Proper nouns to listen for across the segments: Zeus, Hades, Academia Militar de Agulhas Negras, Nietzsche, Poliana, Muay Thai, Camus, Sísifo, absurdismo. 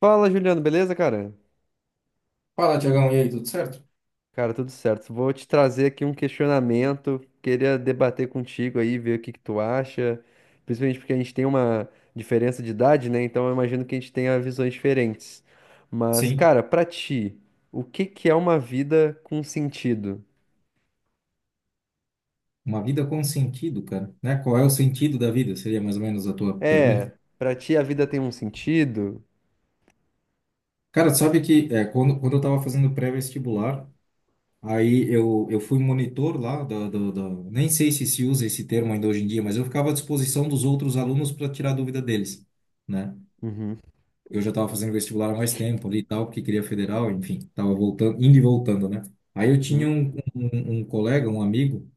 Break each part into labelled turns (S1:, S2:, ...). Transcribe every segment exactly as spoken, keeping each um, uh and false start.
S1: Fala, Juliano, beleza, cara?
S2: Fala, Tiagão, e aí, tudo certo?
S1: Cara, tudo certo. Vou te trazer aqui um questionamento. Queria debater contigo aí, ver o que que tu acha. Principalmente porque a gente tem uma diferença de idade, né? Então eu imagino que a gente tenha visões diferentes. Mas,
S2: Sim,
S1: cara, pra ti, o que que é uma vida com sentido?
S2: uma vida com sentido, cara, né? Qual é o sentido da vida? Seria mais ou menos a tua pergunta.
S1: É, pra ti a vida tem um sentido?
S2: Cara, tu sabe que é, quando, quando eu tava fazendo pré-vestibular, aí eu, eu fui monitor lá, da, da, da- nem sei se se usa esse termo ainda hoje em dia, mas eu ficava à disposição dos outros alunos para tirar dúvida deles, né?
S1: Uhum,
S2: Eu já tava fazendo vestibular há mais tempo ali e tal, porque queria federal, enfim, tava voltando, indo e voltando, né? Aí eu tinha
S1: uhum,
S2: um, um, um colega, um amigo,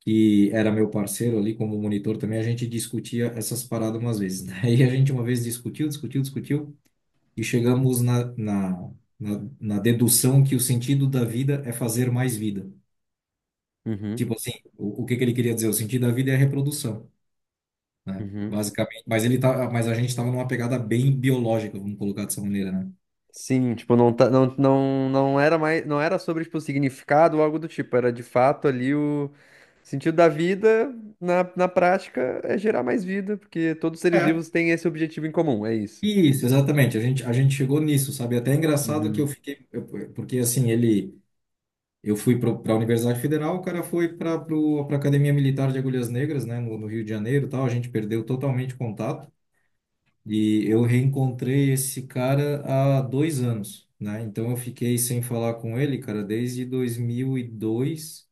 S2: que era meu parceiro ali como monitor também, a gente discutia essas paradas umas vezes. Daí a gente uma vez discutiu, discutiu, discutiu e chegamos na, na, na, na dedução que o sentido da vida é fazer mais vida.
S1: uhum,
S2: Tipo assim, o, o que que ele queria dizer? O sentido da vida é a reprodução, né?
S1: uhum.
S2: Basicamente. Mas ele tá, mas a gente estava numa pegada bem biológica, vamos colocar dessa maneira, né?
S1: Sim, tipo, não, tá, não, não, não era mais, não era sobre, tipo, significado ou algo do tipo, era de fato ali o sentido da vida, na, na prática, é gerar mais vida, porque todos os seres
S2: É.
S1: vivos têm esse objetivo em comum, é isso.
S2: Isso, exatamente. A gente, a gente chegou nisso, sabe? Até é engraçado que eu
S1: Uhum.
S2: fiquei, eu- porque assim, ele Eu fui para a Universidade Federal, o cara foi para a Academia Militar de Agulhas Negras, né, no, no Rio de Janeiro, e tal. A gente perdeu totalmente o contato e eu reencontrei esse cara há dois anos, né? Então eu fiquei sem falar com ele, cara, desde dois mil e dois.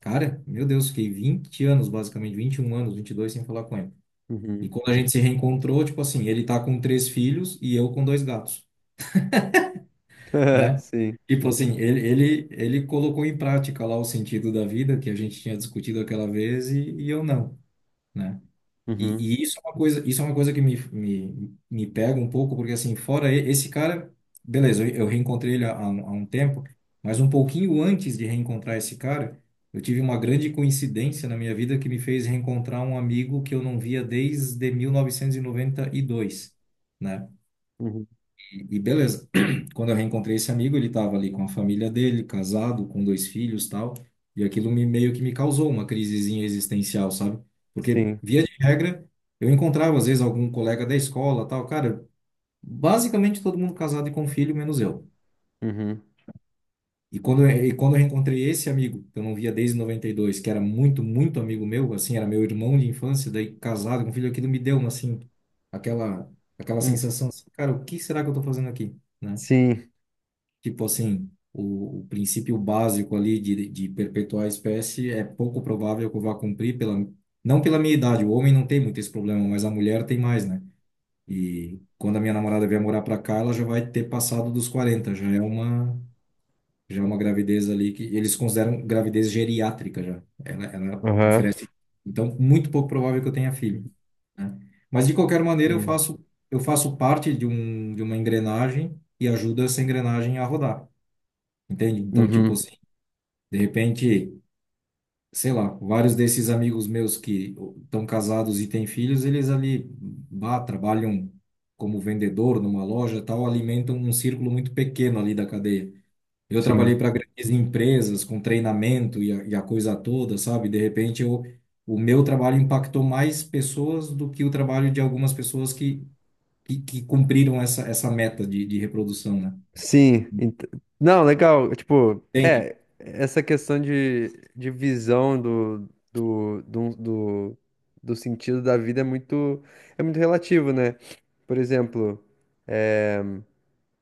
S2: Cara, meu Deus, fiquei vinte anos, basicamente, vinte e um anos, vinte e dois sem falar com ele. E
S1: Uhum.
S2: quando a gente se reencontrou, tipo assim, ele tá com três filhos e eu com dois gatos, né?
S1: Sim.
S2: Tipo assim, ele, ele, ele colocou em prática lá o sentido da vida que a gente tinha discutido aquela vez e, e eu não, né?
S1: Uhum.
S2: E, e isso é uma coisa, isso é uma coisa que me, me, me pega um pouco, porque assim, fora e- esse cara, beleza, eu, eu reencontrei ele há, há um há um tempo, mas um pouquinho antes de reencontrar esse cara, eu tive uma grande coincidência na minha vida que me fez reencontrar um amigo que eu não via desde mil novecentos e e noventa e dois, né?
S1: Uhum.
S2: E e beleza. Quando eu reencontrei esse amigo, ele estava ali com a família dele, casado, com dois filhos, tal, e aquilo me meio que me causou uma crisezinha existencial, sabe? Porque
S1: Sim.
S2: via de regra, eu encontrava às vezes algum colega da escola, tal, cara, basicamente todo mundo casado e com filho, menos eu.
S1: Uhum.
S2: E quando eu, e quando eu reencontrei esse amigo, que eu não via desde noventa e dois, que era muito, muito amigo meu, assim, era meu irmão de infância, daí casado com filho, aquilo me deu uma assim aquela aquela
S1: Hum.
S2: sensação, assim, cara, o que será que eu tô fazendo aqui, né?
S1: Sim.
S2: Tipo assim, o, o princípio básico ali de, de perpetuar a espécie é pouco provável que eu vá cumprir pela, não pela minha idade. O homem não tem muito esse problema, mas a mulher tem mais, né? E quando a minha namorada vier morar pra cá, ela já vai ter passado dos quarenta, já é uma já é uma gravidez ali que eles consideram gravidez geriátrica já. Ela, ela
S1: Aham.
S2: oferece, então muito pouco provável que eu tenha filho, né? Mas de qualquer maneira eu
S1: Sim.
S2: faço eu faço parte de um de uma engrenagem e ajuda essa engrenagem a rodar. Entende? Então, tipo
S1: Uhum.
S2: assim, de repente, sei lá, vários desses amigos meus que estão casados e têm filhos, eles ali bah, trabalham como vendedor numa loja, e tal, alimentam um círculo muito pequeno ali da cadeia. Eu trabalhei
S1: Sim.
S2: para grandes empresas com treinamento e a, e a coisa toda, sabe? De repente, eu, o meu trabalho impactou mais pessoas do que o trabalho de algumas pessoas que, que, que cumpriram essa, essa meta de, de reprodução, né?
S1: Sim, ent- não, legal, tipo,
S2: Entende?
S1: é, essa questão de, de visão do, do, do, do, do sentido da vida é muito, é muito relativo, né? Por exemplo,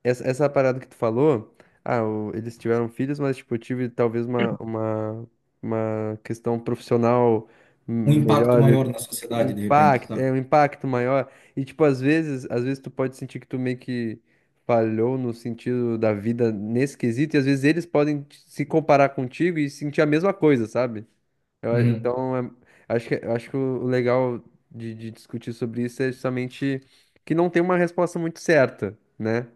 S1: essa, essa parada que tu falou, ah, o- eles tiveram filhos, mas tipo, eu tive talvez uma, uma, uma questão profissional
S2: Um impacto
S1: melhor,
S2: maior na sociedade, de repente,
S1: impacto,
S2: sabe?
S1: é um impacto maior. E tipo, às vezes, às vezes tu pode sentir que tu meio que falhou no sentido da vida nesse quesito, e às vezes eles podem te- se comparar contigo e sentir a mesma coisa, sabe? Eu a-
S2: Uhum.
S1: então, é- acho que, acho que o o legal de, de discutir sobre isso é justamente que não tem uma resposta muito certa, né?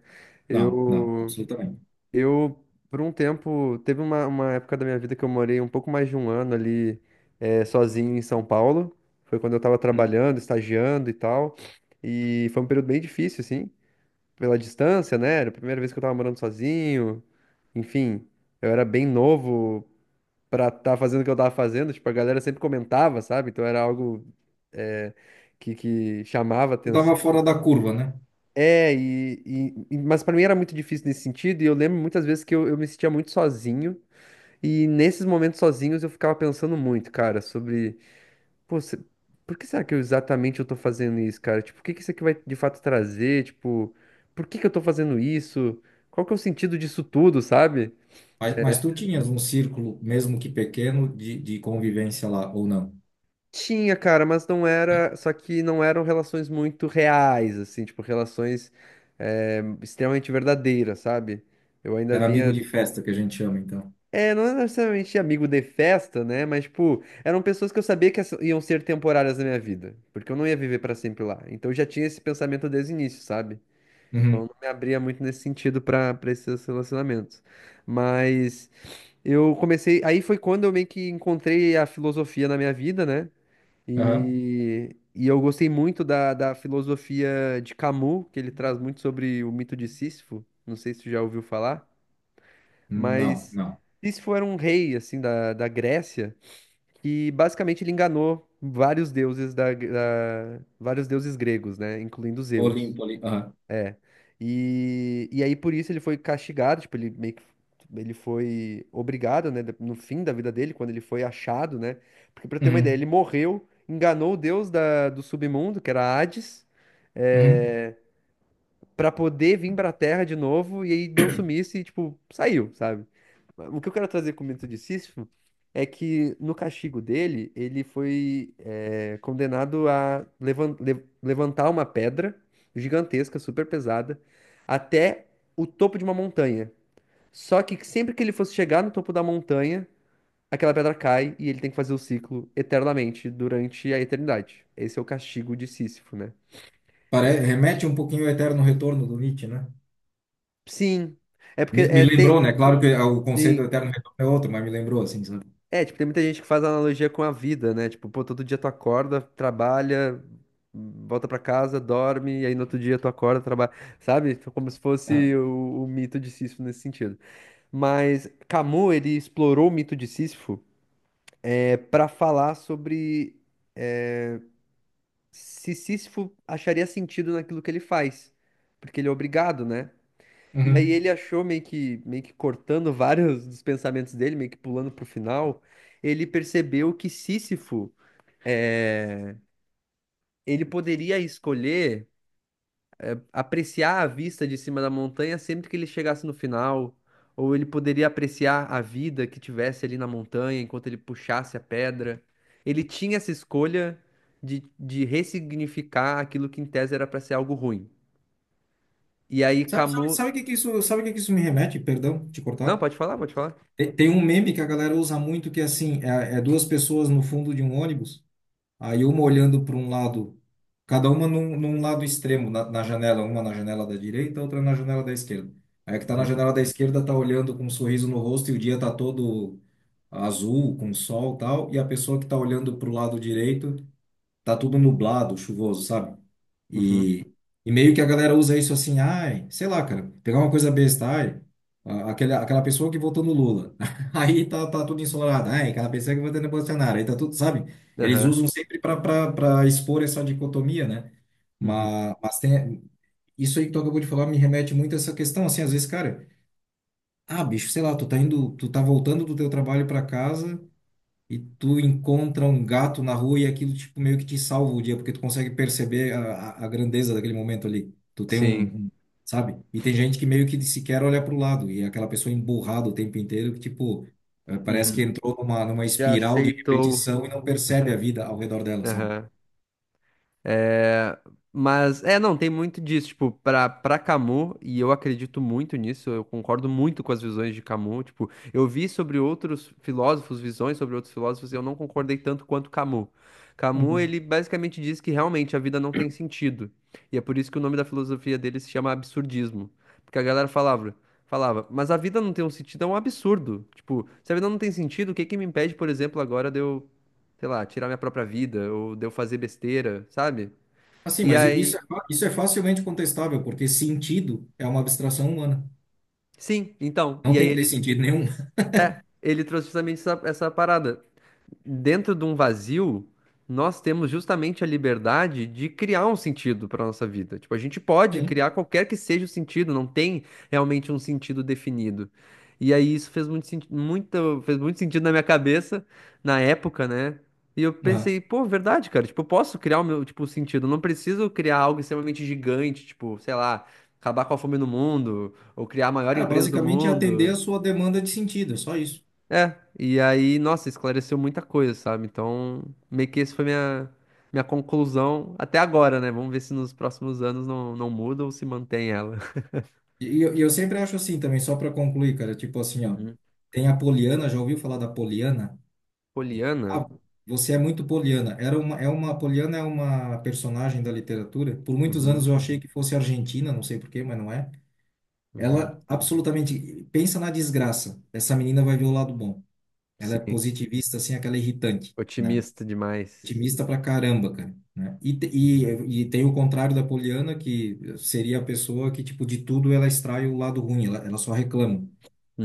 S2: Não, não,
S1: Eu,
S2: absolutamente.
S1: eu, por um tempo, teve uma, uma época da minha vida que eu morei um pouco mais de um ano ali, eh, sozinho em São Paulo. Foi quando eu tava trabalhando, estagiando e tal. E foi um período bem difícil, assim, pela distância, né? Era a primeira vez que eu tava morando sozinho. Enfim, eu era bem novo pra estar fazendo o que eu tava fazendo. Tipo, a galera sempre comentava, sabe? Então era algo, eh, que, que chamava
S2: Tu estava
S1: atenção.
S2: fora da curva, né?
S1: É, e, e- e- mas pra mim era muito difícil nesse sentido, e eu lembro muitas vezes que eu, eu me sentia muito sozinho, e nesses momentos sozinhos eu ficava pensando muito, cara, sobre, pô, se- por que será que eu exatamente eu tô fazendo isso, cara? Tipo, o que que isso aqui vai de fato trazer? Tipo, por que que eu tô fazendo isso? Qual que é o sentido disso tudo, sabe?
S2: Mas, mas tu tinhas um círculo, mesmo que pequeno, de, de convivência lá, ou não?
S1: Tinha, cara, mas não era, só que não eram relações muito reais, assim, tipo, relações, eh, extremamente verdadeiras, sabe? Eu ainda
S2: Era amigo
S1: vinha.
S2: de festa que a gente chama, então.
S1: É, não é necessariamente amigo de festa, né? Mas, tipo, eram pessoas que eu sabia que essa- iam ser temporárias na minha vida, porque eu não ia viver pra sempre lá. Então eu já tinha esse pensamento desde o início, sabe?
S2: Uhum,
S1: Me abria muito nesse sentido pra para esses relacionamentos. Mas eu comecei, aí foi quando eu meio que encontrei a filosofia na minha vida, né?
S2: aham.
S1: E, e eu gostei muito da, da filosofia de Camus, que ele traz muito sobre o mito de Sísifo. Não sei se tu já ouviu falar.
S2: Não,
S1: Mas
S2: não.
S1: isso foi um rei assim da, da Grécia que basicamente ele enganou vários deuses da, da- vários deuses gregos, né, incluindo
S2: Tô
S1: Zeus.
S2: limpo ali. Aham.
S1: É. E, e aí por isso ele foi castigado, tipo, ele meio que ele foi obrigado, né, no fim da vida dele, quando ele foi achado, né? Porque pra ter uma ideia,
S2: Uhum,
S1: ele morreu, enganou o deus da, do submundo, que era Hades,
S2: uhum.
S1: é, pra poder vir pra Terra de novo, e aí deu sumiço e, tipo, saiu, sabe? O que eu quero trazer com o mito de Sísifo é que no castigo dele, ele foi eh, condenado a levan- le- levantar uma pedra gigantesca, super pesada, até o topo de uma montanha. Só que sempre que ele fosse chegar no topo da montanha, aquela pedra cai e ele tem que fazer o ciclo eternamente durante a eternidade. Esse é o castigo de Sísifo, né?
S2: Pare- remete um pouquinho ao eterno retorno do Nietzsche, né?
S1: Sim, é porque
S2: Me, me
S1: é,
S2: lembrou,
S1: tem.
S2: né? Claro que o conceito do eterno retorno é outro, mas me lembrou, assim, sabe?
S1: É, tipo, tem muita gente que faz analogia com a vida, né? Tipo, pô, todo dia tu acorda, trabalha, volta pra casa, dorme, e aí no outro dia tu acorda, trabalha, sabe? Tipo, como se
S2: Ah,
S1: fosse o, o mito de Sísifo nesse sentido. Mas Camus, ele explorou o mito de Sísifo é, para falar sobre é, se Sísifo acharia sentido naquilo que ele faz, porque ele é obrigado, né? E aí
S2: uhum.
S1: ele achou meio que, meio que cortando vários dos pensamentos dele, meio que pulando pro final, ele percebeu que Sísifo ele poderia escolher apreciar a vista de cima da montanha sempre que ele chegasse no final, ou ele poderia apreciar a vida que tivesse ali na montanha enquanto ele puxasse a pedra. Ele tinha essa escolha de, de ressignificar aquilo que em tese era para ser algo ruim. E aí
S2: Sabe, sabe,
S1: Camus.
S2: sabe o que que isso, sabe o que que isso me remete? Perdão, te
S1: Não,
S2: cortar.
S1: pode falar, pode falar.
S2: Tem, tem um meme que a galera usa muito que é assim, é, é duas pessoas no fundo de um ônibus, aí uma olhando para um lado, cada uma num, num lado extremo na, na janela, uma na janela da direita, outra na janela da esquerda. Aí a que tá na
S1: Uhum.
S2: janela da esquerda tá olhando com um sorriso no rosto e o dia tá todo azul, com sol e tal, e a pessoa que tá olhando para o lado direito tá tudo nublado, chuvoso, sabe?
S1: Uhum.
S2: E, e meio que a galera usa isso assim, ai, sei lá, cara, pegar uma coisa besta, ai, a- aquele, aquela pessoa que votou no Lula, aí tá, tá tudo ensolarado, ai, aquela pessoa que votou no Bolsonaro, aí tá tudo, sabe? Eles
S1: Aham.
S2: usam sempre para expor essa dicotomia, né?
S1: Uhum.
S2: Mas, mas tem, isso aí que tu acabou de falar me remete muito a essa questão, assim, às vezes, cara, ah, bicho, sei lá, tu tá indo, tu tá voltando do teu trabalho para casa e tu encontra um gato na rua e aquilo tipo meio que te salva o dia, porque tu consegue perceber a, a a grandeza daquele momento ali. Tu tem
S1: Sim.
S2: um, um- sabe? E tem gente que meio que sequer olha pro lado e é aquela pessoa emburrada o tempo inteiro que tipo eh, parece
S1: Uhum.
S2: que entrou numa numa
S1: Já
S2: espiral de
S1: aceitou.
S2: repetição e não percebe a vida ao redor dela, sabe?
S1: Aham. É, mas, é, não, tem muito disso, tipo, pra, pra Camus, e eu acredito muito nisso, eu concordo muito com as visões de Camus, tipo, eu vi sobre outros filósofos, visões sobre outros filósofos, e eu não concordei tanto quanto Camus. Camus,
S2: Uhum.
S1: ele basicamente diz que realmente a vida não tem sentido, e é por isso que o nome da filosofia dele se chama absurdismo, porque a galera falava, falava, mas a vida não tem um sentido, é um absurdo, tipo, se a vida não tem sentido, o que que me impede, por exemplo, agora de eu, sei lá, tirar minha própria vida, ou de eu fazer besteira, sabe?
S2: Assim,
S1: E
S2: mas i- isso
S1: aí.
S2: é, fa- isso é facilmente contestável, porque sentido é uma abstração humana.
S1: Sim, então.
S2: Não
S1: E aí
S2: tem que ter
S1: ele.
S2: sentido nenhum.
S1: É, ele trouxe justamente essa, essa parada. Dentro de um vazio, nós temos justamente a liberdade de criar um sentido para nossa vida. Tipo, a gente pode
S2: Sim.
S1: criar qualquer que seja o sentido, não tem realmente um sentido definido. E aí isso fez muito, senti- muito, fez muito sentido na minha cabeça na época, né? E eu
S2: Ah.
S1: pensei, pô, verdade, cara, tipo, eu posso criar o meu, tipo, sentido, eu não preciso criar algo extremamente gigante, tipo, sei lá, acabar com a fome no mundo, ou criar a maior
S2: Cara,
S1: empresa do
S2: basicamente é atender a
S1: mundo.
S2: sua demanda de sentido, é só isso.
S1: É, e aí, nossa, esclareceu muita coisa, sabe? Então, meio que esse foi minha, minha conclusão até agora, né? Vamos ver se nos próximos anos não, não muda ou se mantém ela.
S2: E eu, e eu sempre acho assim também, só para concluir, cara, tipo assim, ó,
S1: Uhum.
S2: tem a Poliana, já ouviu falar da Poliana?
S1: Poliana?
S2: Ah, você é muito Poliana. Era uma, é uma, a Poliana é uma personagem da literatura. Por muitos
S1: Uhum,
S2: anos eu achei que fosse argentina, não sei por quê, mas não é.
S1: uhum.
S2: Ela absolutamente, pensa na desgraça. Essa menina vai ver o lado bom. Ela é
S1: Sim.
S2: positivista, assim, aquela irritante, né?
S1: Otimista demais.
S2: Otimista pra caramba, cara. Né? E, te-
S1: Uhum,
S2: e, e tem o contrário da Poliana, que seria a pessoa que, tipo, de tudo ela extrai o lado ruim, ela, ela só reclama.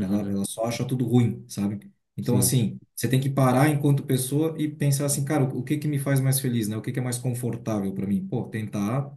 S2: Ela, ela só acha tudo ruim, sabe? Então,
S1: sim,
S2: assim, você tem que parar enquanto pessoa e pensar assim, cara, o, o que que me faz mais feliz, né? O que que é mais confortável para mim? Pô, tentar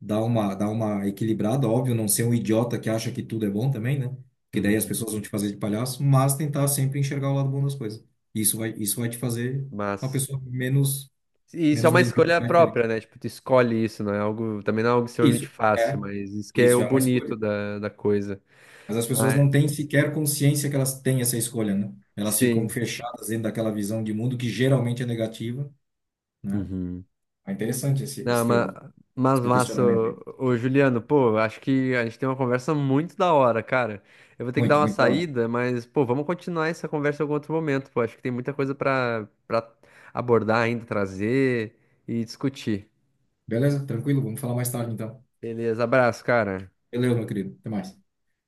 S2: dar uma, dar uma equilibrada, óbvio, não ser um idiota que acha que tudo é bom também, né? Porque daí as
S1: uhum.
S2: pessoas vão te fazer de palhaço, mas tentar sempre enxergar o lado bom das coisas. Isso vai, isso vai te fazer uma
S1: Mas.
S2: pessoa menos,
S1: E isso é
S2: menos
S1: uma
S2: medíocre
S1: escolha
S2: e mais feliz.
S1: própria, né? Tipo, tu escolhe isso, não é algo. Também não é algo extremamente
S2: Isso
S1: fácil,
S2: é,
S1: mas isso que é o
S2: isso é uma
S1: bonito
S2: escolha.
S1: da, da coisa.
S2: Mas as pessoas
S1: Mas,
S2: não têm sequer consciência que elas têm essa escolha, né? Elas ficam
S1: sim.
S2: fechadas dentro daquela visão de mundo que geralmente é negativa, né?
S1: Uhum.
S2: É interessante esse,
S1: Não,
S2: esse
S1: mas,
S2: teu, esse
S1: mas
S2: teu
S1: massa,
S2: questionamento aí.
S1: ô, ô, Juliano, pô, acho que a gente tem uma conversa muito da hora, cara. Eu vou ter que dar
S2: Muito,
S1: uma
S2: muito da hora.
S1: saída, mas, pô, vamos continuar essa conversa em algum outro momento, pô. Acho que tem muita coisa pra, pra abordar ainda, trazer e discutir.
S2: Beleza? Tranquilo? Vamos falar mais tarde, então.
S1: Beleza, abraço, cara.
S2: Valeu, meu querido. Até mais.